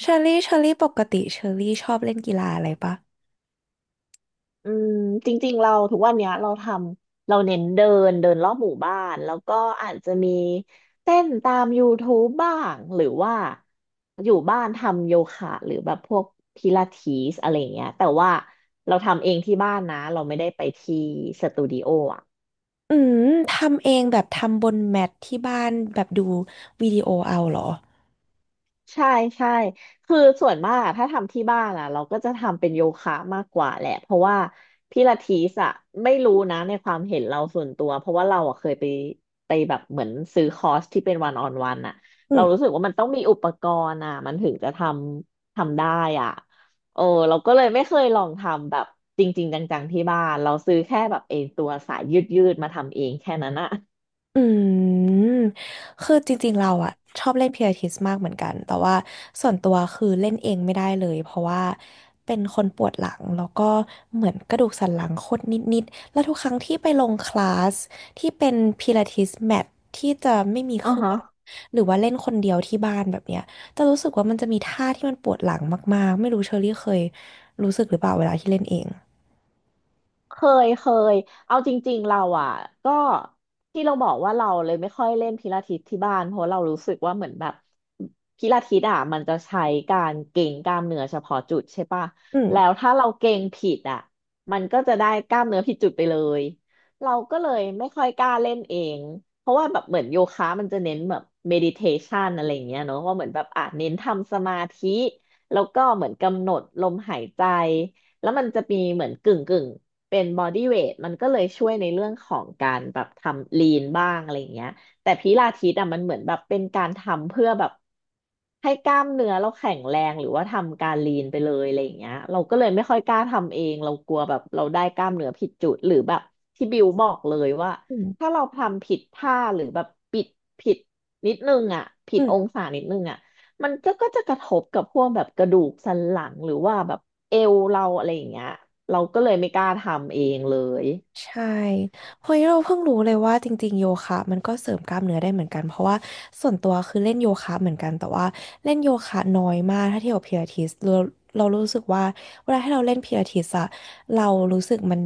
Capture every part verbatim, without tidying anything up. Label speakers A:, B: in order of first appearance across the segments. A: เชอรี่เชอรี่ปกติเชอรี่ชอบเล่นกีฬาอะไรปะ
B: อืมจริงๆเราทุกวันเนี้ยเราทำเราเน้นเดินเดินรอบหมู่บ้านแล้วก็อาจจะมีเต้นตามยูทูบบ้างหรือว่าอยู่บ้านทำโยคะหรือแบบพวกพิลาทิสอะไรเงี้ยแต่ว่าเราทำเองที่บ้านนะเราไม่ได้ไปที่สตูดิโออ่ะ
A: อืมทำเองแบบทำบนแมทที่บ้านแบบดูวิดีโอเอาเหรอ
B: ใช่ใช่คือส่วนมากอะถ้าทำที่บ้านอ่ะเราก็จะทำเป็นโยคะมากกว่าแหละเพราะว่าพิลาทิสอ่ะไม่รู้นะในความเห็นเราส่วนตัวเพราะว่าเราอะเคยไปไปแบบเหมือนซื้อคอร์สที่เป็นวันออนวันอ่ะ
A: อื
B: เรา
A: ม
B: รู้สึกว่ามันต้องมีอุปกรณ์อ่ะมันถึงจะทำทำได้อ่ะโอ้เราก็เลยไม่เคยลองทำแบบจริงๆจังๆที่บ้านเราซื้อแค่แบบเองตัวสายยืดๆมาทำเองแค่นั้นอ่ะ
A: อืมคือจริงๆเราอะชอบเล่นพิลาทิสมากเหมือนกันแต่ว่าส่วนตัวคือเล่นเองไม่ได้เลยเพราะว่าเป็นคนปวดหลังแล้วก็เหมือนกระดูกสันหลังคดนิดๆแล้วทุกครั้งที่ไปลงคลาสที่เป็นพิลาทิสแมทที่จะไม่มีเค
B: อ๋
A: รื่
B: อ
A: องหรือว่าเล่นคนเดียวที่บ้านแบบเนี้ยจะรู้สึกว่ามันจะมีท่าที่มันปวดหลังมากๆไม่รู้เชอรี่เคยรู้สึกหรือเปล่าเวลาที่เล่นเอง
B: เคยเคยเอาจริงๆเราอ่ะก็ที่เราบอกว่าเราเลยไม่ค่อยเล่นพิลาทิสที่บ้านเพราะเรารู้สึกว่าเหมือนแบบพิลาทิสอ่ะมันจะใช้การเกร็งกล้ามเนื้อเฉพาะจุดใช่ปะ
A: อืม
B: แล้วถ้าเราเกร็งผิดอ่ะมันก็จะได้กล้ามเนื้อผิดจุดไปเลยเราก็เลยไม่ค่อยกล้าเล่นเองเพราะว่าแบบเหมือนโยคะมันจะเน้นแบบเมดิเทชันอะไรอย่างเงี้ยเนอะว่าเหมือนแบบอ่ะเน้นทำสมาธิแล้วก็เหมือนกำหนดลมหายใจแล้วมันจะมีเหมือนกึ่งกึ่ง เป็นบอดี้เวทมันก็เลยช่วยในเรื่องของการแบบทำลีนบ้างอะไรอย่างเงี้ยแต่พิลาทิสอ่ะมันเหมือนแบบเป็นการทำเพื่อแบบให้กล้ามเนื้อเราแข็งแรงหรือว่าทำการลีนไปเลยอะไรอย่างเงี้ยเราก็เลยไม่ค่อยกล้าทำเองเรากลัวแบบเราได้กล้ามเนื้อผิดจุดหรือแบบที่บิวบอกเลยว่า
A: อ
B: ถ้าเราทำผิดท่าหรือแบบปิดผิดนิดนึงอ่ะผิด
A: ืม
B: องศานิดนึงอ่ะมันก็ก็จะกระทบกับพวกแบบกระดูกสันหลังหรือว่าแบบ เอวเราอะไรอย่างเงี้ยเราก็เลยไม่กล้าทำเองเลย
A: ใช่เพร้ะเราเพิ่งรู้เลยว่าจริงๆโยคะมันก็เสริมกล้ามเนื้อได้เหมือนกันเพราะว่าส่วนตัวคือเล่นโยคะเหมือนกันแต่ว่าเล่นโยคะน้อยมากถ้าเทียบกับพิลาทิสเราเรารู้สึกว่าเวลาที่เราเล่นพิลาทิสอะเรารู้สึกมัน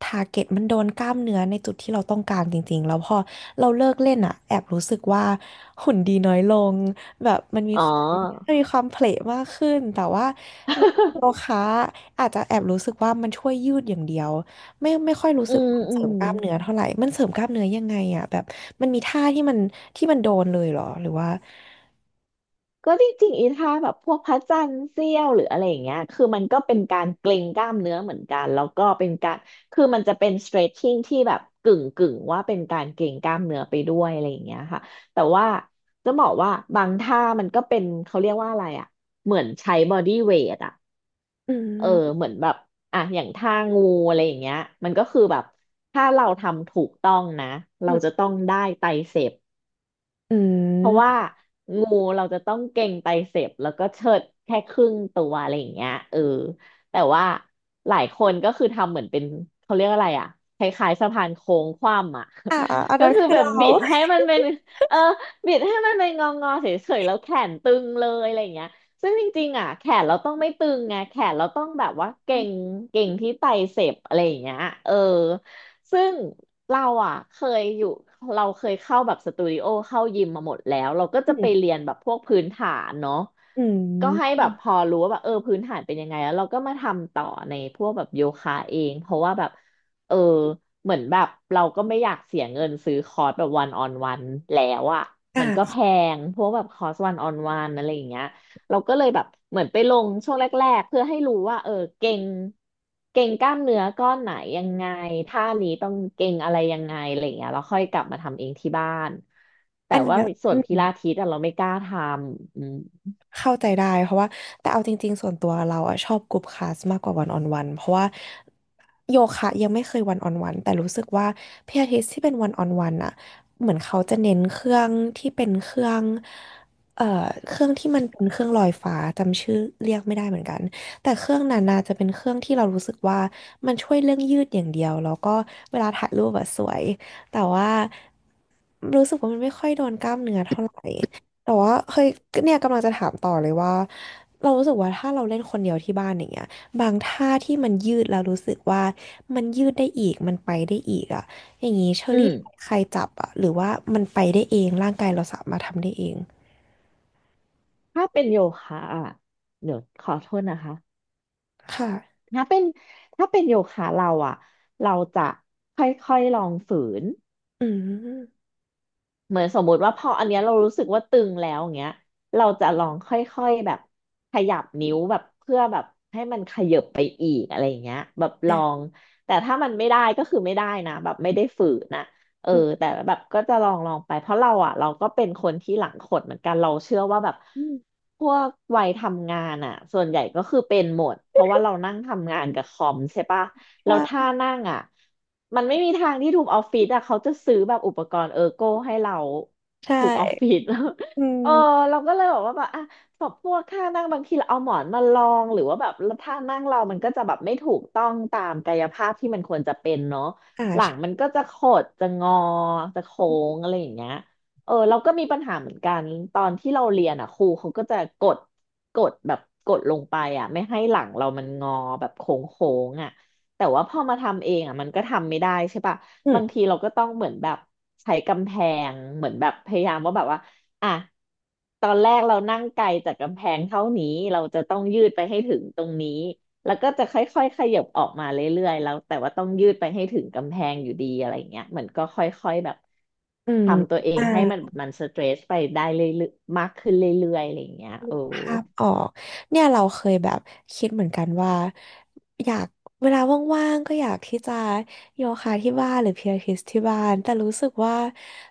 A: ทาร์เก็ตมันโดนกล้ามเนื้อในจุดที่เราต้องการจริงๆแล้วพอเราเลิกเล่นอะแอบรู้สึกว่าหุ่นดีน้อยลงแบบมันมี
B: อ๋อ
A: ความมันมีความเพลทมากขึ้นแต่ว่าในโยคะอาจจะแอบรู้สึกว่ามันช่วยยืดอย่างเดียว ไม่ไม่ค่อยรู้
B: อื
A: สึก
B: ม
A: ว่ามัน
B: อื
A: เสริ
B: ม
A: มกล้ามเนื้อเท่าไหร่ มันเสริมกล้ามเนื้อยังไงอ่ะแบบมันมีท่าที่มันที่มันโดนเลยเหรอหรือว่า
B: ก็จริงๆอีท่าแบบพวกพระจันทร์เสี้ยวหรืออะไรอย่างเงี้ยคือมันก็เป็นการเกร็งกล้ามเนื้อเหมือนกันแล้วก็เป็นการคือมันจะเป็น stretching ที่แบบกึ่งกึ่งว่าเป็นการเกร็งกล้ามเนื้อไปด้วยอะไรอย่างเงี้ยค่ะแต่ว่าจะบอกว่าบางท่ามันก็เป็นเขาเรียกว่าอะไรอ่ะเหมือนใช้ body weight อ่ะ
A: อื
B: เออ
A: ม
B: เหมือนแบบอ่ะอย่างท่างูอะไรอย่างเงี้ยมันก็คือแบบถ้าเราทำถูกต้องนะ
A: อื
B: เรา
A: ม
B: จะต้องได้ไตรเสพ
A: อื
B: เพราะว่า
A: ม
B: งูเราจะต้องเก่งไตรเสพแล้วก็เชิดแค่ครึ่งตัวอะไรอย่างเงี้ยเออแต่ว่าหลายคนก็คือทำเหมือนเป็นเขาเรียกอะไรอ่ะคล้ายๆสะพานโค้งคว่ำอ่ะ
A: อ่าอัน
B: ก็
A: นั้น
B: คือ
A: คือ
B: แบบ
A: เรา
B: บิดให้มันเป็นเออบิดให้มันเป็นงองอเฉยๆแล้วแขนตึงเลยอะไรอย่างเงี้ยซึ่งจริงๆอ่ะแขนเราต้องไม่ตึงไงแขนเราต้องแบบว่าเก่
A: อ
B: งเก่งที่ไตรเสพอะไรอย่างเงี้ยเออ ซึ่งเราอ่ะเคยอยู่เราเคยเข้าแบบสตูดิโอเข้ายิมมาหมดแล้วเราก็
A: ื
B: จะไป
A: ม
B: เรียนแบบพวกพื้นฐานเนาะ
A: อื
B: ก็ให้
A: ม
B: แบบพอรู้ว่าแบบเออพื้นฐานเป็นยังไงแล้วเราก็มาทำต่อในพวกแบบโยคะเองเพราะว่าแบบเออเหมือนแบบเราก็ไม่อยากเสียเงินซื้อคอร์สแบบวันออนวันแล้วอ่ะมั
A: อ่า
B: นก็แพงพวกแบบคอร์สวันออนวันอะไรอย่างเงี้ย เราก็เลยแบบเหมือนไปลงช่วงแรกๆเพื่อให้รู้ว่าเออเก่งเก่งกล้ามเนื้อก้อนไหนยังไงท่านี้ต้องเก่งอะไรยังไงอะไรอย่างเงี้ยเราค่อยกลับมาทำเองที่บ้านแต่
A: อัน
B: ว่า
A: เนี้ย
B: ส่
A: อื
B: วนพิ
A: ม
B: ลาทิสอะเราไม่กล้าทำอืม
A: เข้าใจได้เพราะว่าแต่เอาจริงๆส่วนตัวเราอะชอบกรุ๊ปคลาสมากกว่าวันออนวันเพราะว่าโยคะยังไม่เคยวันออนวันแต่รู้สึกว่าพิลาทิสที่เป็นวันออนวันอะเหมือนเขาจะเน้นเครื่องที่เป็นเครื่องเอ่อเครื่องที่มันเป็นเครื่องลอยฟ้าจำชื่อเรียกไม่ได้เหมือนกันแต่เครื่องนั้นน่าจะเป็นเครื่องที่เรารู้สึกว่ามันช่วยเรื่องยืดอย่างเดียวแล้วก็เวลาถ่ายรูปอะสวยแต่ว่ารู้สึกว่ามันไม่ค่อยโดนกล้ามเนื้อเท่าไหร่ แต่ว่าเคยเนี่ยกำลังจะถามต่อเลยว่าเรารู้สึกว่าถ้าเราเล่นคนเดียวที่บ้านอย่างเงี้ยบางท่าที่มันยืดแล้วรู้สึกว่ามันยืดได้อีกมันไปได้อีกอ่ะอย่างงี้เชอ
B: อืม
A: รี่ใครจับอ่ะหรือว่ามันไปได้เองร่างกายเราสามารถทำได้เอง
B: ถ้าเป็นโยคะอ่ะเดี๋ยวขอโทษนะคะ
A: ค่ะ
B: ถ้าเป็นถ้าเป็นโยคะเราอ่ะเราจะค่อยๆลองฝืน
A: อืม
B: เหมือนสมมุติว่าพออันเนี้ยเรารู้สึกว่าตึงแล้วอย่างเงี้ยเราจะลองค่อยๆแบบขยับนิ้วแบบเพื่อแบบให้มันขยับ แต่ถ้ามันไม่ได้ก็คือไม่ได้นะแบบไม่ได้ฝืนนะเออ
A: อืม
B: แต่แบบก็จะลองลองไปเพราะเราอ่ะเราก็เป็นคนที่หลังขดเหมือนกันเราเชื่อว่าแบบ
A: อืม
B: พวกวัยทำงานอ่ะส่วนใหญ่ก็คือเป็นหมดเพราะว่าเรานั่งทำงานกับคอมใช่ปะแล้วท่า
A: ใช่
B: นั่งอ่ะมันไม่มีทางที่ถูกออฟฟิศอ่ะเขาจะซื้อแบบอุปกรณ์เออร์โก้ให้เรา
A: ใช
B: ถูกออฟ
A: ่
B: ฟิศ
A: อื
B: เออ
A: ม
B: เราก็เลยบอกว่าแบบอ่ะ แบบพวกท่านั่งบางทีเราเอาหมอนมารองหรือว่าแบบท่านั่งเรามันก็จะแบบไม่ถูกต้องตามกายภาพที่มันควรจะเป็นเนาะ
A: อ่า
B: หลัง
A: ใช่
B: มันก็จะขดจะงอจะโค้งอะไรอย่างเงี้ยเออเราก็มีปัญหาเหมือนกันตอนที่เราเรียนอ่ะครูเขาก็จะกดกดแบบกดลงไปอ่ะไม่ให้หลังเรามันงอแบบโค้งโค้งอ่ะแต่ว่าพอมาทำเองอ่ะมันก็ทำไม่ได้ใช่ปะ
A: อืม
B: บางทีเราก็ต้องเหมือนแบบใช้กำแพงเหมือนแบบพยายามว่าแบบว่า อ่ะตอนแรกเรานั่งไกลจากกำแพงเท่านี้เราจะต้องยืดไปให้ถึงตรงนี้แล้วก็จะค่อยๆขยับออกมาเรื่อยๆแล้วแต่ว่าต้องยืดไปให้ถึงกำแพงอยู่ดีอะไรเงี้ยเหมือนก็ค่อยๆแบบ
A: อืม
B: ทำตัวเอง
A: อ่า
B: ให้มันมันสเตรสไปได้เรื่อยๆมากขึ้นเรื่อยๆอะไรเงี้ย
A: นึ
B: โอ้
A: กภาพออกเนี่ยเราเคยแบบคิดเหมือนกันว่าอยากเวลาว่างๆก็อยากที่จะโยคะที่บ้านหรือพิลาทิสที่บ้านแต่รู้สึกว่า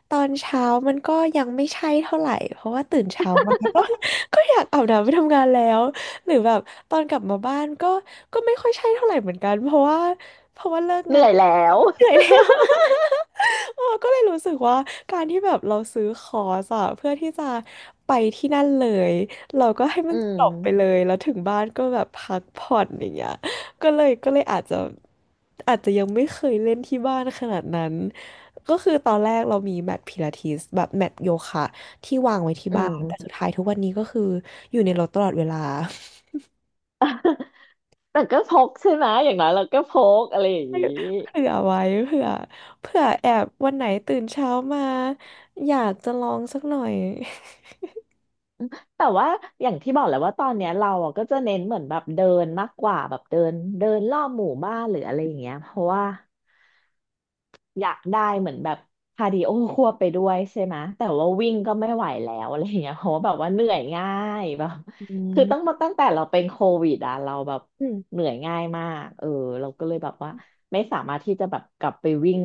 A: ตอนเช้ามันก็ยังไม่ใช่เท่าไหร่เพราะว่าตื่นเช้ามาก็ ก็อยากอาบน้ำไปทำงานแล้วหรือแบบตอนกลับมาบ้านก็ก็ไม่ค่อยใช่เท่าไหร่เหมือนกันเพราะว่า
B: เหนื่อยแล้ว
A: เหนื่อยแล้ว เออก็เลยรู้สึกว่าการที่แบบเราซื้อคอร์สอะเพื่อที่จะไปที่นั่นเลยเราก็ให้มั
B: อื
A: น
B: ม
A: จบไปเลยแล้วถึงบ้านก็แบบพักผ่อนอย่างเงี้ยก็เลยก็เลยอาจจะอาจจะยังไม่เคยเล่นที่บ้านขนาดนั้นก็คือตอนแรกเรามีแมทพิลาทิสแบบแมทโยคะที่วางไว้ที่
B: อื
A: บ้านแต่สุ
B: ม
A: ดท้ายทุกวันนี้ก็คืออยู่ในรถตลอดเวลา
B: แต่ก็พกใช่ไหมอย่างน้อยเราก็พกอะไรอย่างนี้
A: เผื่อไว้เผื่อเผื่อแอบวันไหนตื่นเช้ามาอยากจะลองสักหน่อย
B: แต่ว่าอย่างที่บอกแหละว่าตอนเนี้ยเราอ่ะก็จะเน้นเหมือนแบบเดินมากกว่าแบบเดินเดินรอบหมู่บ้านหรืออะไรอย่างเงี้ยเพราะว่า อยากได้เหมือนแบบคาร์ดิโอควบไปด้วยใช่ไหมแต่ว่าวิ่งก็ไม่ไหวแล้ว อะไรอย่างเงี้ยเพราะว่าแบบว่าเหนื่อยง่ายแบบ
A: อื
B: คือต้อง
A: ม
B: มาตั้งแต่เราเป็นโควิดอ่ะเราแบบ
A: อืม
B: เหนื่อยง่ายมากเออเราก็เลยแบบว่าไม่สามารถที่จะแบบกลับไปวิ่ง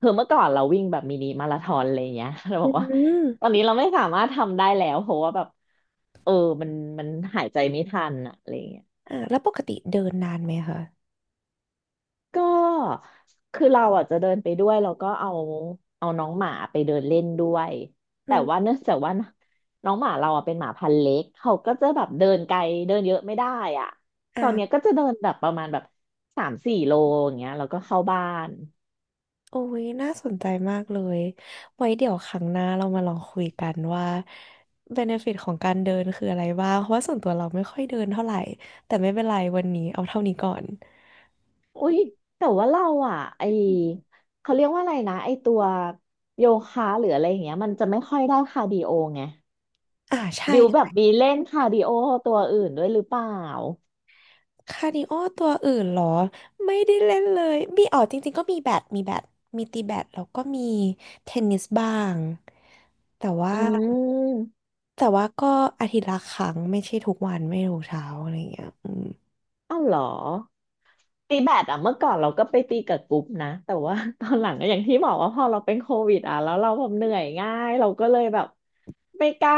B: คือเมื่อก่อนเราวิ่งแบบมินิมาราธอนอะไรอย่างเงี้ย เราบ
A: อื
B: อกว่า
A: ม
B: ตอนนี้เราไม่สามารถทำได้แล้วเพราะว่าแบบเออมันมันหายใจไม่ทันอะอะไรอย่างเงี้ย
A: อ่าแล้วปกติเดินนานไหมคะ
B: ก็คือเราอ่ะจะเดินไปด้วยแล้วก็เอาเอาน้องหมาไปเดินเล่นด้วย
A: อื
B: แต่ว่า
A: ม
B: เนื่องจากว่าน้องหมาเราอ่ะเป็นหมาพันธุ์เล็กเขาก็จะแบบเดินไกลเดินเยอะไม่ได้อ่ะ
A: อ่
B: ตอนเนี้ยก็
A: า
B: จะเดินแบบประมาณแบบสามสี่โลอย่างเงี้ยแล้วก็เข้าบ้าน
A: โอ้ยน่าสนใจมากเลยไว้เดี๋ยวครั้งหน้าเรามาลองคุยกันว่า benefit ของการเดินคืออะไรบ้างเพราะว่าส่วนตัวเราไม่ค่อยเดินเท่าไหร่แต่ไม่เป็นไรวันนี้เอาเท่านี้ก่อน
B: อุ้ยแต่ว่าเราอ่ะไอเขาเรียกว่าอะไรนะไอตัวโยคะหรืออะไรอย่างเงี้ยมันจะไม่ค่อยได้คาร์ดิโอไง
A: อ่าใช่
B: บิวแบบมีเล่นคาร์ดิโอตัวอื่นด้วยหรือเปล่า
A: คาร์ดิโอตัวอื่นเหรอไม่ได้เล่นเลยมีอ๋อจริงๆก็มีแบดมีแบดมีตีแบดแล้วก็มีเทนนิสบ้างแต่ว่า
B: อืม
A: แต่ว่าก็อาทิตย์ละครั้งไม่ใช่ทุกวันไม่ทุกเช้าอะไรอย่างเงี้ยอืม
B: เอ้าเหรอตีแบดอะเมื่อก่อนเราก็ไปตีกับกรุ๊ปนะแต่ว่า ตอนหลังก็อย่างที่บอกว่าพอเราเป็นโควิดอะแล้วเราแบบเหนื่อยง่ายเราก็เลยแบบไม่กล้า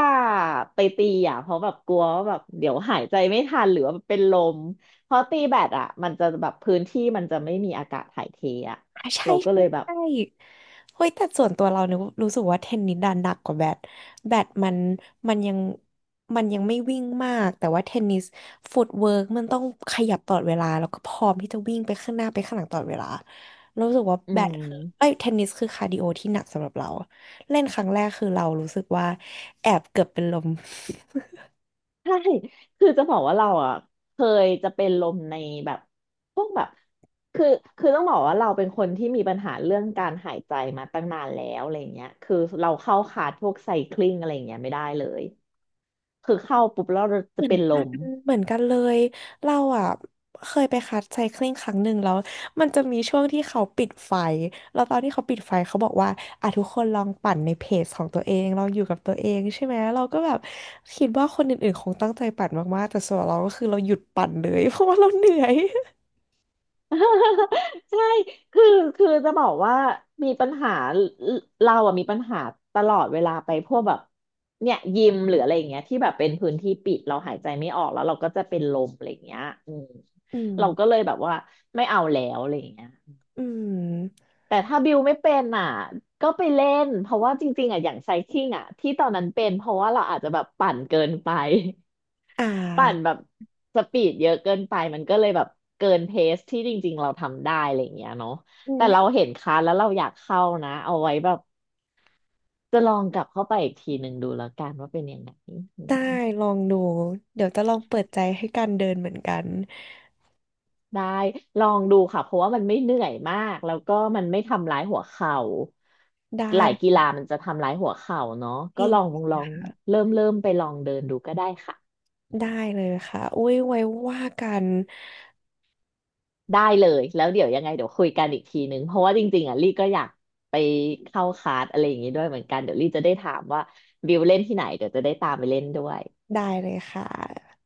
B: ไปตีอะเพราะแบบกลัวว่าแบบเดี๋ยวหายใจไม่ทันหรือว่าเป็นลมเพราะตีแบดอะมันจะแบบพื้นที่มันจะไม่มีอากาศถ่ายเทอะ
A: อ่ะใช่
B: เราก็เล
A: ใช่
B: ยแบบ
A: ใช่เฮ้ยแต่ส่วนตัวเราเนี่ยรู้สึกว่าเทนนิสดันหนักกว่าแบดแบดมันมันยังมันยังไม่วิ่งมากแต่ว่าเทนนิสฟุตเวิร์กมันต้องขยับตลอดเวลาแล้วก็พร้อมที่จะวิ่งไปข้างหน้าไปข้างหลังตลอดเวลาเรารู้สึกว่า
B: อื
A: แบดคือเอ้ย
B: ม
A: เทนนิสคือคาร์ดิโอที่หนักสำหรับเราเล่นครั้งแรกคือเรารู้สึกว่าแอบเกือบเป็นลม
B: ใช่คือจะบอกว่าเราอ่ะเคยจะเป็นลมในแบบพวกแบบคือคือต้องบอกว่าเราเป็นคนที่มีปัญหาเรื่องการหายใจมาตั้งนานแล้วอะไรเงี้ยคือเราเข้าคลาสพวกไซคลิงอะไรเงี้ยไม่ได้เลย คือเข้าปุ๊บแล้วเราจะ
A: เหมือ
B: เป็
A: น
B: นล
A: กัน
B: ม
A: เหมือนกันเลย เราอ่ะเคยไปคัดไซคลิงครั้งหนึ่งแล้วมันจะมีช่วงที่เขาปิดไฟแล้วตอนที่เขาปิดไฟเขาบอกว่าอ่ะทุกคนลองปั่นในเพจของตัวเองลองอยู่กับตัวเองใช่ไหมเราก็แบบคิดว่าคนอื่นๆคงตั้งใจปั่นมากๆ แต่ส่วนเราก็คือเราหยุดปั่นเลย เพราะว่าเราเหนื่อย
B: ใช่คือคือจะบอกว่ามีปัญหาเราอะมีปัญหาตลอดเวลาไปพวกแบบเนี่ยยิมหรืออะไรอย่างเงี้ยที่แบบเป็นพื้นที่ปิดเราหายใจไม่ออกแล้วเราก็จะเป็นลมอะไรอย่างเงี้ยอืม
A: อืม
B: เราก็เลยแบบว่าไม่เอาแล้วอะไรอย่างเงี้ย
A: อืม
B: แต่ถ้าบิวไม่เป็นอ่ะ ก็ไปเล่นเพราะว่าจริงๆอ่ะอย่างไซคลิงอ่ะที่ตอนนั้นเป็นเพราะว่าเราอาจจะแบบปั่นเกินไป
A: อ่
B: ปั่นแบ
A: า
B: บสปีดเยอะเกินไปมันก็เลยแบบเกินเพสที่จริงๆเราทำได้อะไรอย่างเงี้ยเนาะ
A: อื
B: แต่เรา
A: ม
B: เห็นคลาสแล้วเราอยากเข้านะเอาไว้แบบจะลองกลับเข้าไปอีกทีหนึ่งดูแล้วกันว่าเป็นยังไงอื
A: ได้
B: ม
A: ลองดู เดี๋ยวจะลองเปิดใจให้การเดินเหมือนกัน
B: ได้ลองดูค่ะเพราะว่ามันไม่เหนื่อยมากแล้วก็มันไม่ทำร้ายหัวเข่า
A: ได้
B: หลายกีฬามันจะทำร้ายหัวเข่าเนาะ
A: จ
B: ก็
A: ริ
B: ลอง
A: ง
B: ลองเริ่มเริ่มไปลองเดินดูก็ได้ค่ะ
A: ได้เลยค่ะอุ้ยไว้ว่ากัน
B: ได้เลยแล้วเดี๋ยวยังไงเดี๋ยวคุยกันอีกทีนึงเพราะว่าจริงๆอ่ะลี่ก็อยากไปเข้าคลาสอะไรอย่างงี้ด้วยเหมือนกันเดี๋ยวลี่จะได้ถามว่าบิวเล่นที่ไหนเดี๋ยวจะได้ตามไปเล่นด้วย
A: ได้เลยค่ะ